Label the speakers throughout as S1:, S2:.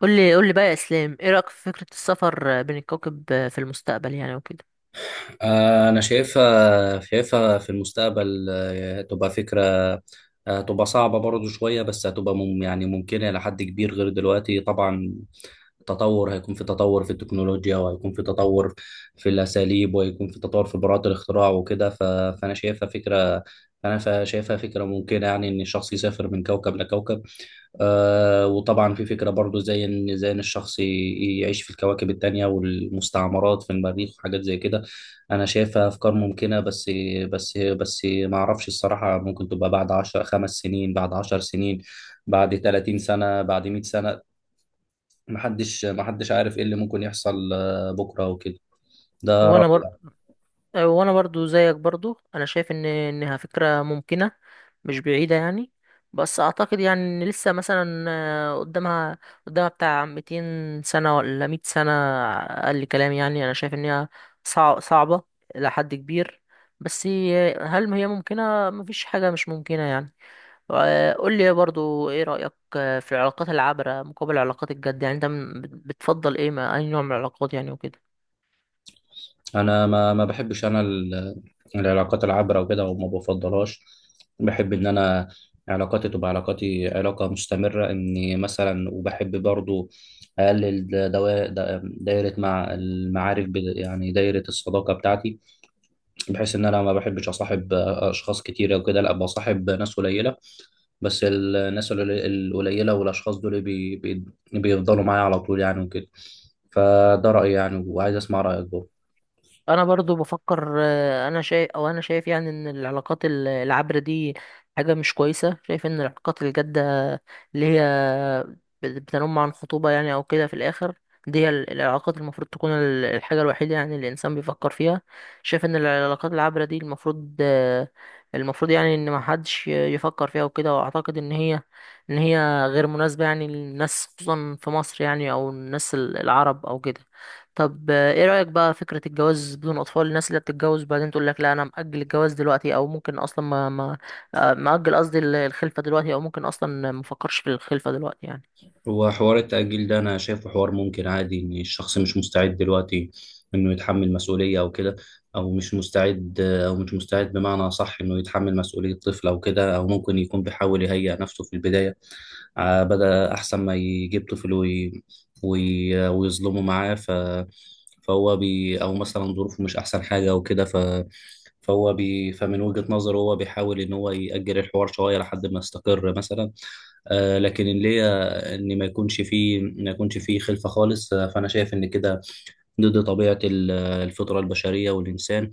S1: قول لي بقى يا اسلام، ايه رايك في فكره السفر بين الكواكب في المستقبل يعني وكده؟
S2: أنا شايفها في المستقبل، تبقى فكرة، تبقى صعبة برضو شوية، بس هتبقى يعني ممكنة إلى حد كبير غير دلوقتي طبعا. تطور، هيكون في تطور في التكنولوجيا، وهيكون في تطور في الأساليب، وهيكون في تطور في براءة الاختراع وكده. فأنا شايفها فكرة أنا شايفها فكرة ممكنة، يعني إن الشخص يسافر من كوكب لكوكب. وطبعا في فكرة برضو، زي ان الشخص يعيش في الكواكب التانية والمستعمرات في المريخ وحاجات زي كده. انا شايفها افكار ممكنة. بس ما اعرفش الصراحة، ممكن تبقى بعد عشر 5 سنين، بعد 10 سنين، بعد 30 سنة، بعد 100 سنة. محدش عارف ايه اللي ممكن يحصل بكرة وكده. ده
S1: وانا
S2: رأيي.
S1: بر... وانا برضو زيك، برضو انا شايف ان انها فكره ممكنه، مش بعيده يعني. بس اعتقد يعني ان لسه مثلا قدامها بتاع 200 سنه ولا 100 سنه اقل كلام يعني. انا شايف ان هي صعبه الى حد كبير، بس هل هي ممكنه؟ مفيش حاجه مش ممكنه يعني. قول لي برضو، ايه رأيك في العلاقات العابرة مقابل العلاقات الجد يعني؟ انت بتفضل ايه، ما اي نوع من العلاقات يعني وكده؟
S2: انا ما بحبش، العلاقات العابره وكده، وما بفضلهاش. بحب ان انا علاقاتي تبقى، علاقه مستمره، اني مثلا. وبحب برضو اقلل دايره مع المعارف، يعني دايره الصداقه بتاعتي، بحيث ان انا ما بحبش اصاحب اشخاص كتيره وكده. لا، بصاحب ناس قليله، بس الناس القليله والاشخاص دول بي بي بيفضلوا معايا على طول يعني وكده. فده رايي يعني، وعايز اسمع رايك برضو.
S1: انا برضو بفكر، انا شايف يعني ان العلاقات العابرة دي حاجة مش كويسة. شايف ان العلاقات الجادة اللي هي بتنم عن خطوبة يعني او كده في الاخر، دي هي العلاقات المفروض تكون الحاجة الوحيدة يعني اللي الانسان بيفكر فيها. شايف ان العلاقات العابرة دي المفروض، المفروض يعني ان ما حدش يفكر فيها وكده. واعتقد ان هي، ان هي غير مناسبة يعني للناس، خصوصا في مصر يعني، او الناس العرب او كده. طب، ايه رأيك بقى فكرة الجواز بدون اطفال؟ الناس اللي بتتجوز بعدين تقول لك لا، انا مأجل الجواز دلوقتي، او ممكن اصلا ما ما آه، مأجل. قصدي الخلفة دلوقتي، او ممكن اصلا ما افكرش في الخلفة دلوقتي يعني.
S2: هو حوار التأجيل ده أنا شايفه حوار ممكن عادي، إن الشخص مش مستعد دلوقتي إنه يتحمل مسؤولية أو كده. أو مش مستعد، بمعنى صح إنه يتحمل مسؤولية طفل أو كده. أو ممكن يكون بيحاول يهيئ نفسه في البداية، بدأ أحسن ما يجيب طفل ويظلمه معاه. أو مثلا ظروفه مش أحسن حاجة أو كده. فمن وجهة نظره هو بيحاول إن هو يأجل الحوار شوية لحد ما يستقر مثلا. لكن اللي هي ان ما يكونش فيه خلفه خالص، فانا شايف ان كده ضد الفطره البشريه والانسان،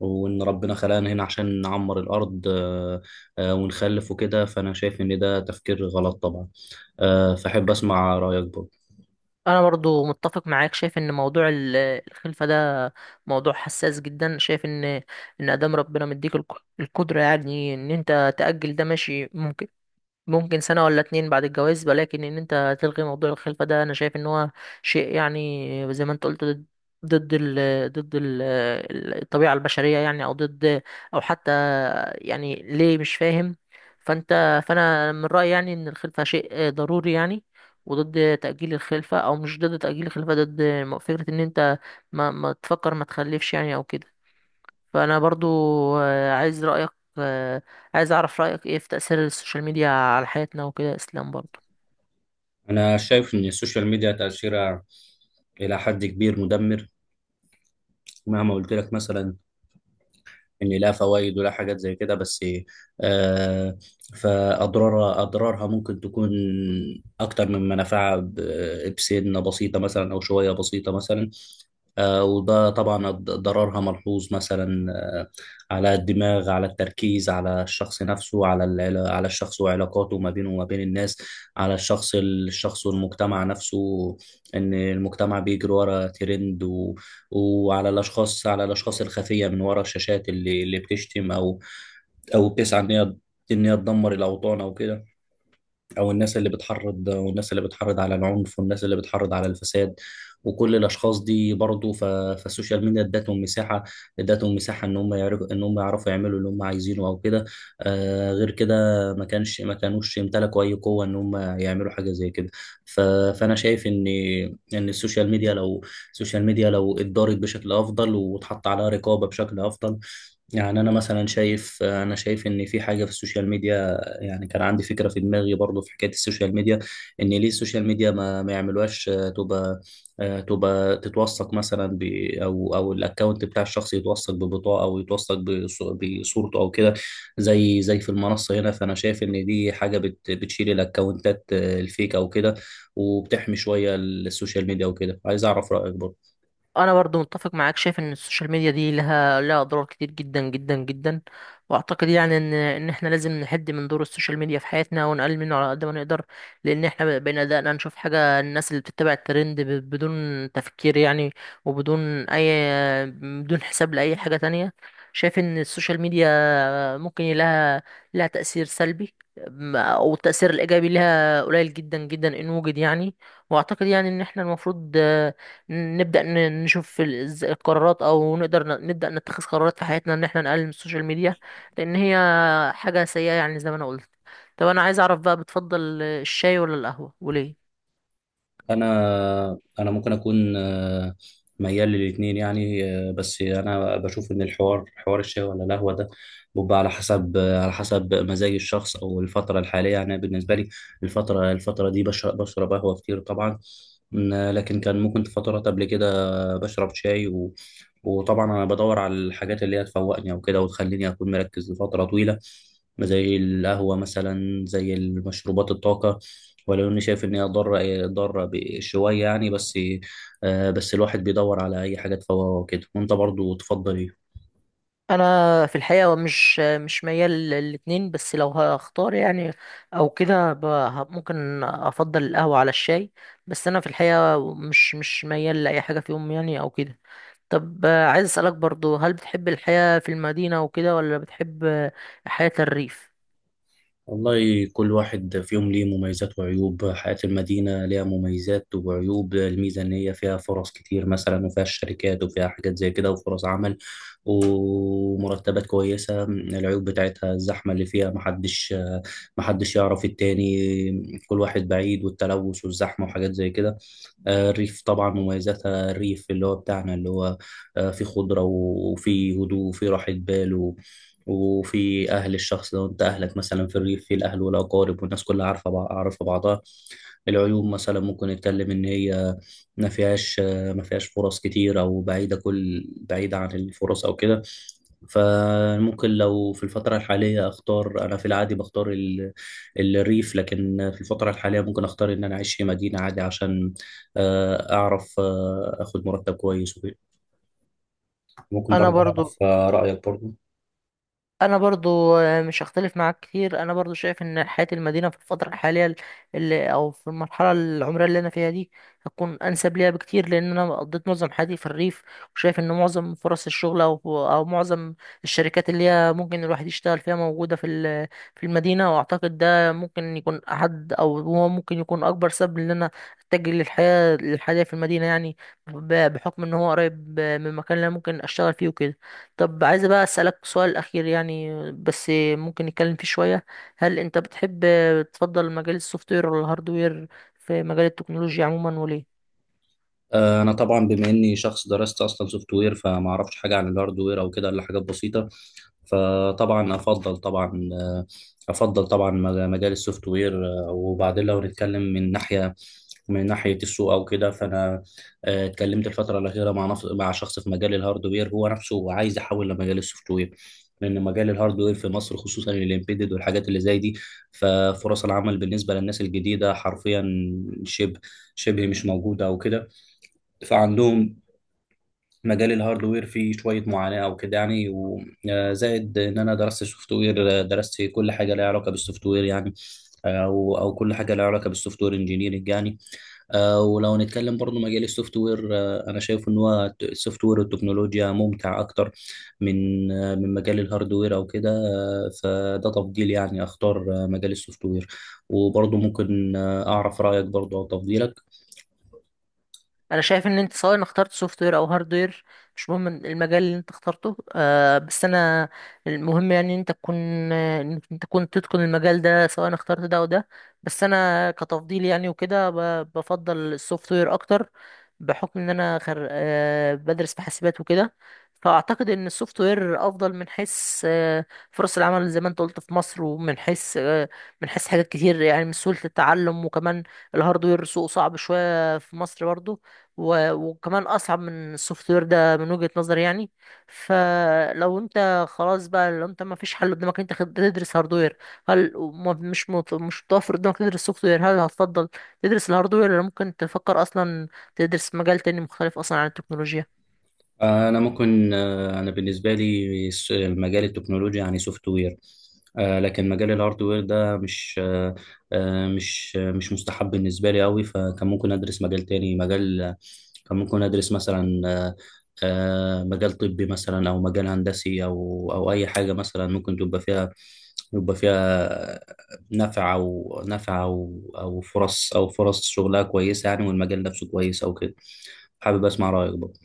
S2: وان ربنا خلقنا هنا عشان نعمر الارض، ونخلف وكده. فانا شايف ان ده تفكير غلط طبعا. فاحب اسمع رايك برضه.
S1: انا برضو متفق معاك. شايف ان موضوع الخلفة ده موضوع حساس جدا. شايف ان ادام ربنا مديك القدرة يعني ان انت تأجل ده، ماشي، ممكن سنة ولا اتنين بعد الجواز. ولكن ان انت تلغي موضوع الخلفة ده، انا شايف ان هو شيء يعني زي ما انت قلت، ضد، ضد ال ضد ال الطبيعة البشرية يعني، او ضد، او حتى يعني ليه، مش فاهم. فانا من رأيي يعني ان الخلفة شيء ضروري يعني، وضد تأجيل الخلفة، او مش ضد تأجيل الخلفة، ضد فكرة ان انت ما تفكر، ما تخلفش يعني او كده. فانا برضو، آه، عايز رايك آه، عايز اعرف رايك ايه في تاثير السوشيال ميديا على حياتنا وكده، اسلام، برضو؟
S2: انا شايف ان السوشيال ميديا تاثيرها الى حد كبير مدمر، مهما قلت لك مثلا ان لا فوائد ولا حاجات زي كده، بس آه اضرارها ممكن تكون اكتر من منافعها بسنه بسيطه مثلا، او شويه بسيطه مثلا. وده طبعا ضررها ملحوظ مثلا، على الدماغ، على التركيز، على الشخص نفسه، على الشخص وعلاقاته ما بينه وما بين الناس، على الشخص والمجتمع نفسه، ان المجتمع بيجري ورا ترند، وعلى الاشخاص على الاشخاص الخفيه من ورا الشاشات، اللي بتشتم، او بتسعى ان هي، تدمر الاوطان او كده. او الناس اللي بتحرض، والناس اللي بتحرض على العنف، والناس اللي بتحرض على الفساد، وكل الاشخاص دي برضه. فالسوشيال ميديا ادتهم مساحه، ان هم يعرفوا، يعملوا اللي هم عايزينه او كده. غير كده ما كانوش يمتلكوا اي قوه ان هم يعملوا حاجه زي كده. ف... فانا شايف ان السوشيال ميديا لو، اتدارت بشكل افضل واتحط عليها رقابه بشكل افضل. يعني انا شايف ان في حاجه في السوشيال ميديا يعني، كان عندي فكره في دماغي برضو في حكايه السوشيال ميديا، ان ليه السوشيال ميديا ما يعملوهاش تبقى، تبقى تتوثق مثلا ب، او الاكونت بتاع الشخص يتوثق ببطاقه، او يتوثق بصورته او كده، زي في المنصه هنا. فانا شايف ان دي حاجه بتشيل الاكونتات الفيك او كده، وبتحمي شويه السوشيال ميديا وكده. عايز اعرف رايك برضو.
S1: انا برضو متفق معاك. شايف ان السوشيال ميديا دي لها اضرار كتير جدا جدا جدا. واعتقد يعني ان احنا لازم نحد من دور السوشيال ميديا في حياتنا، ونقلل منه على قد ما نقدر. لان احنا بقينا دقنا نشوف حاجه الناس اللي بتتبع الترند بدون تفكير يعني، وبدون اي بدون حساب لاي حاجه تانية. شايف ان السوشيال ميديا ممكن لها تأثير سلبي. أو التأثير الإيجابي لها قليل جدا جدا، إن وجد يعني. وأعتقد يعني إن إحنا المفروض، نبدأ نشوف القرارات، أو نقدر نبدأ نتخذ قرارات في حياتنا، إن إحنا نقلل من السوشيال ميديا، لأن هي حاجة سيئة يعني زي ما أنا قلت. طب، أنا عايز أعرف بقى، بتفضل الشاي ولا القهوة وليه؟
S2: انا ممكن اكون ميال للاتنين يعني. بس انا بشوف ان حوار الشاي ولا القهوه ده بيبقى على حسب، مزاج الشخص او الفتره الحاليه يعني. أنا بالنسبه لي الفتره دي بشرب قهوه كتير طبعا. لكن كان ممكن في فترات قبل كده بشرب شاي وطبعا انا بدور على الحاجات اللي هي تفوقني او كده، وتخليني اكون مركز لفتره طويله، زي القهوه مثلا، زي المشروبات الطاقه، ولو اني شايف ان هي ضاره شويه يعني. بس بس الواحد بيدور على اي حاجه تفوقه وكده. وانت برضو تفضل ايه؟
S1: انا في الحقيقه مش ميال للاتنين، بس لو هختار يعني او كده، ممكن افضل القهوه على الشاي. بس انا في الحقيقه مش ميال لاي حاجه فيهم يعني او كده. طب، عايز اسالك برضو، هل بتحب الحياه في المدينه وكده، ولا بتحب حياه الريف؟
S2: والله كل واحد فيهم ليه مميزات وعيوب. حياة المدينة ليها مميزات وعيوب. الميزة إن هي فيها فرص كتير مثلا، وفيها الشركات، وفيها حاجات زي كده، وفرص عمل ومرتبات كويسة. العيوب بتاعتها الزحمة اللي فيها، محدش يعرف التاني، كل واحد بعيد، والتلوث والزحمة وحاجات زي كده. الريف طبعا مميزاتها، الريف اللي هو بتاعنا اللي هو، في خضرة وفي هدوء وفي راحة بال وفي أهل، الشخص لو أنت أهلك مثلا في الريف في الأهل والأقارب، والناس كلها عارفة بعضها. العيوب مثلا ممكن نتكلم إن هي ما فيهاش ما فيهاش فرص كتير، أو بعيدة بعيدة عن الفرص أو كده. فممكن، لو في الفترة الحالية أختار، أنا في العادي بختار الريف، لكن في الفترة الحالية ممكن أختار إن أنا أعيش في مدينة عادي، عشان اعرف، اخد مرتب كويس وكده. ممكن
S1: انا
S2: برضه اعرف
S1: برضو
S2: رايك برضه.
S1: انا برضو مش هختلف معاك كتير. انا برضو شايف ان حياة المدينة في الفترة الحالية، او في المرحلة العمرية اللي انا فيها دي، هتكون انسب ليها بكتير، لان انا قضيت معظم حياتي في الريف. وشايف ان معظم فرص الشغل، او معظم الشركات اللي هي ممكن الواحد يشتغل فيها موجودة في المدينة. واعتقد ده ممكن يكون احد، او هو ممكن يكون اكبر سبب ان انا اتجه للحياة في المدينة يعني، بحكم ان هو قريب من المكان اللي انا ممكن اشتغل فيه وكده. طب، عايز بقى أسألك سؤال أخير يعني، بس ممكن نتكلم فيه شوية. هل أنت بتحب تفضل مجال السوفت وير ولا الهارد وير في مجال التكنولوجيا عموما، وليه؟
S2: انا طبعا بما اني شخص درست اصلا سوفت وير، فما اعرفش حاجه عن الهاردوير او كده الا حاجات بسيطه. فطبعا افضل طبعا افضل طبعا مجال السوفت وير. وبعدين لو نتكلم من ناحيه، السوق او كده، فانا اتكلمت الفتره الاخيره مع مع شخص في مجال الهاردوير، هو نفسه عايز يحول لمجال السوفت وير، لان مجال الهاردوير في مصر خصوصا الامبيدد والحاجات اللي زي دي، ففرص العمل بالنسبه للناس الجديده حرفيا شبه شبه مش موجوده او كده. فعندهم مجال الهاردوير فيه شوية معاناة أو كده يعني، وزائد إن أنا درست سوفت وير درست كل حاجة لها علاقة بالسوفت وير يعني، أو كل حاجة لها علاقة بالسوفت وير انجينيرنج يعني. ولو نتكلم برضو مجال السوفت وير، أنا شايف إن هو السوفت وير والتكنولوجيا ممتع أكتر من مجال الهاردوير أو كده. فده تفضيل يعني. أختار مجال السوفت وير، وبرضو ممكن أعرف رأيك برضو أو تفضيلك.
S1: انا شايف ان انت سواء اخترت سوفت وير او هارد وير، مش مهم المجال اللي انت اخترته. بس انا، المهم يعني ان انت تكون تتقن المجال ده سواء اخترت ده او ده. بس انا كتفضيل يعني وكده، بفضل السوفت وير اكتر، بحكم ان انا خر... آه بدرس في حاسبات وكده. فاعتقد ان السوفت وير افضل من حيث فرص العمل زي ما انت قلت في مصر، ومن حيث آه، من حيث حاجات كتير يعني، من سهولة التعلم وكمان الهاردوير سوق صعب شوية في مصر برضو. وكمان اصعب من السوفت وير، ده من وجهة نظري يعني. فلو انت خلاص بقى، لو انت ما فيش حل قدامك انت تدرس هاردوير، هل مش متوفر قدامك تدرس سوفت وير؟ هل هتفضل تدرس الهاردوير، ولا ممكن تفكر اصلا تدرس مجال تاني مختلف اصلا عن التكنولوجيا؟
S2: انا ممكن انا بالنسبه لي مجال التكنولوجيا يعني سوفت وير، لكن مجال الهاردوير ده مش آه، آه، مش آه، مش مستحب بالنسبه لي قوي. فكان ممكن ادرس مجال تاني، كان ممكن ادرس مثلا مجال طبي مثلا، او مجال هندسي، او اي حاجه مثلا ممكن تبقى فيها، يبقى فيها نفع او فرص شغلها كويسه يعني، والمجال نفسه كويس او كده. حابب اسمع رايك برضه.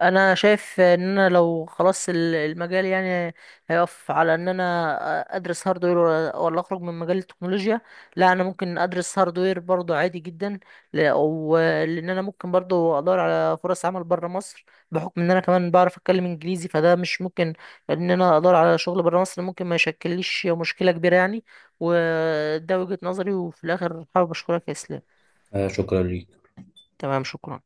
S1: انا شايف ان انا لو خلاص المجال يعني هيقف على ان انا ادرس هاردوير ولا اخرج من مجال التكنولوجيا، لا، انا ممكن ادرس هاردوير برضو عادي جدا. ولان انا ممكن برضو ادور على فرص عمل بره مصر، بحكم ان انا كمان بعرف اتكلم انجليزي، فده مش ممكن، ان انا ادور على شغل بره مصر ممكن ما يشكلليش مشكلة كبيرة يعني. وده وجهة نظري. وفي الاخر، حابب اشكرك يا اسلام.
S2: شكرا ليك.
S1: تمام، شكرا.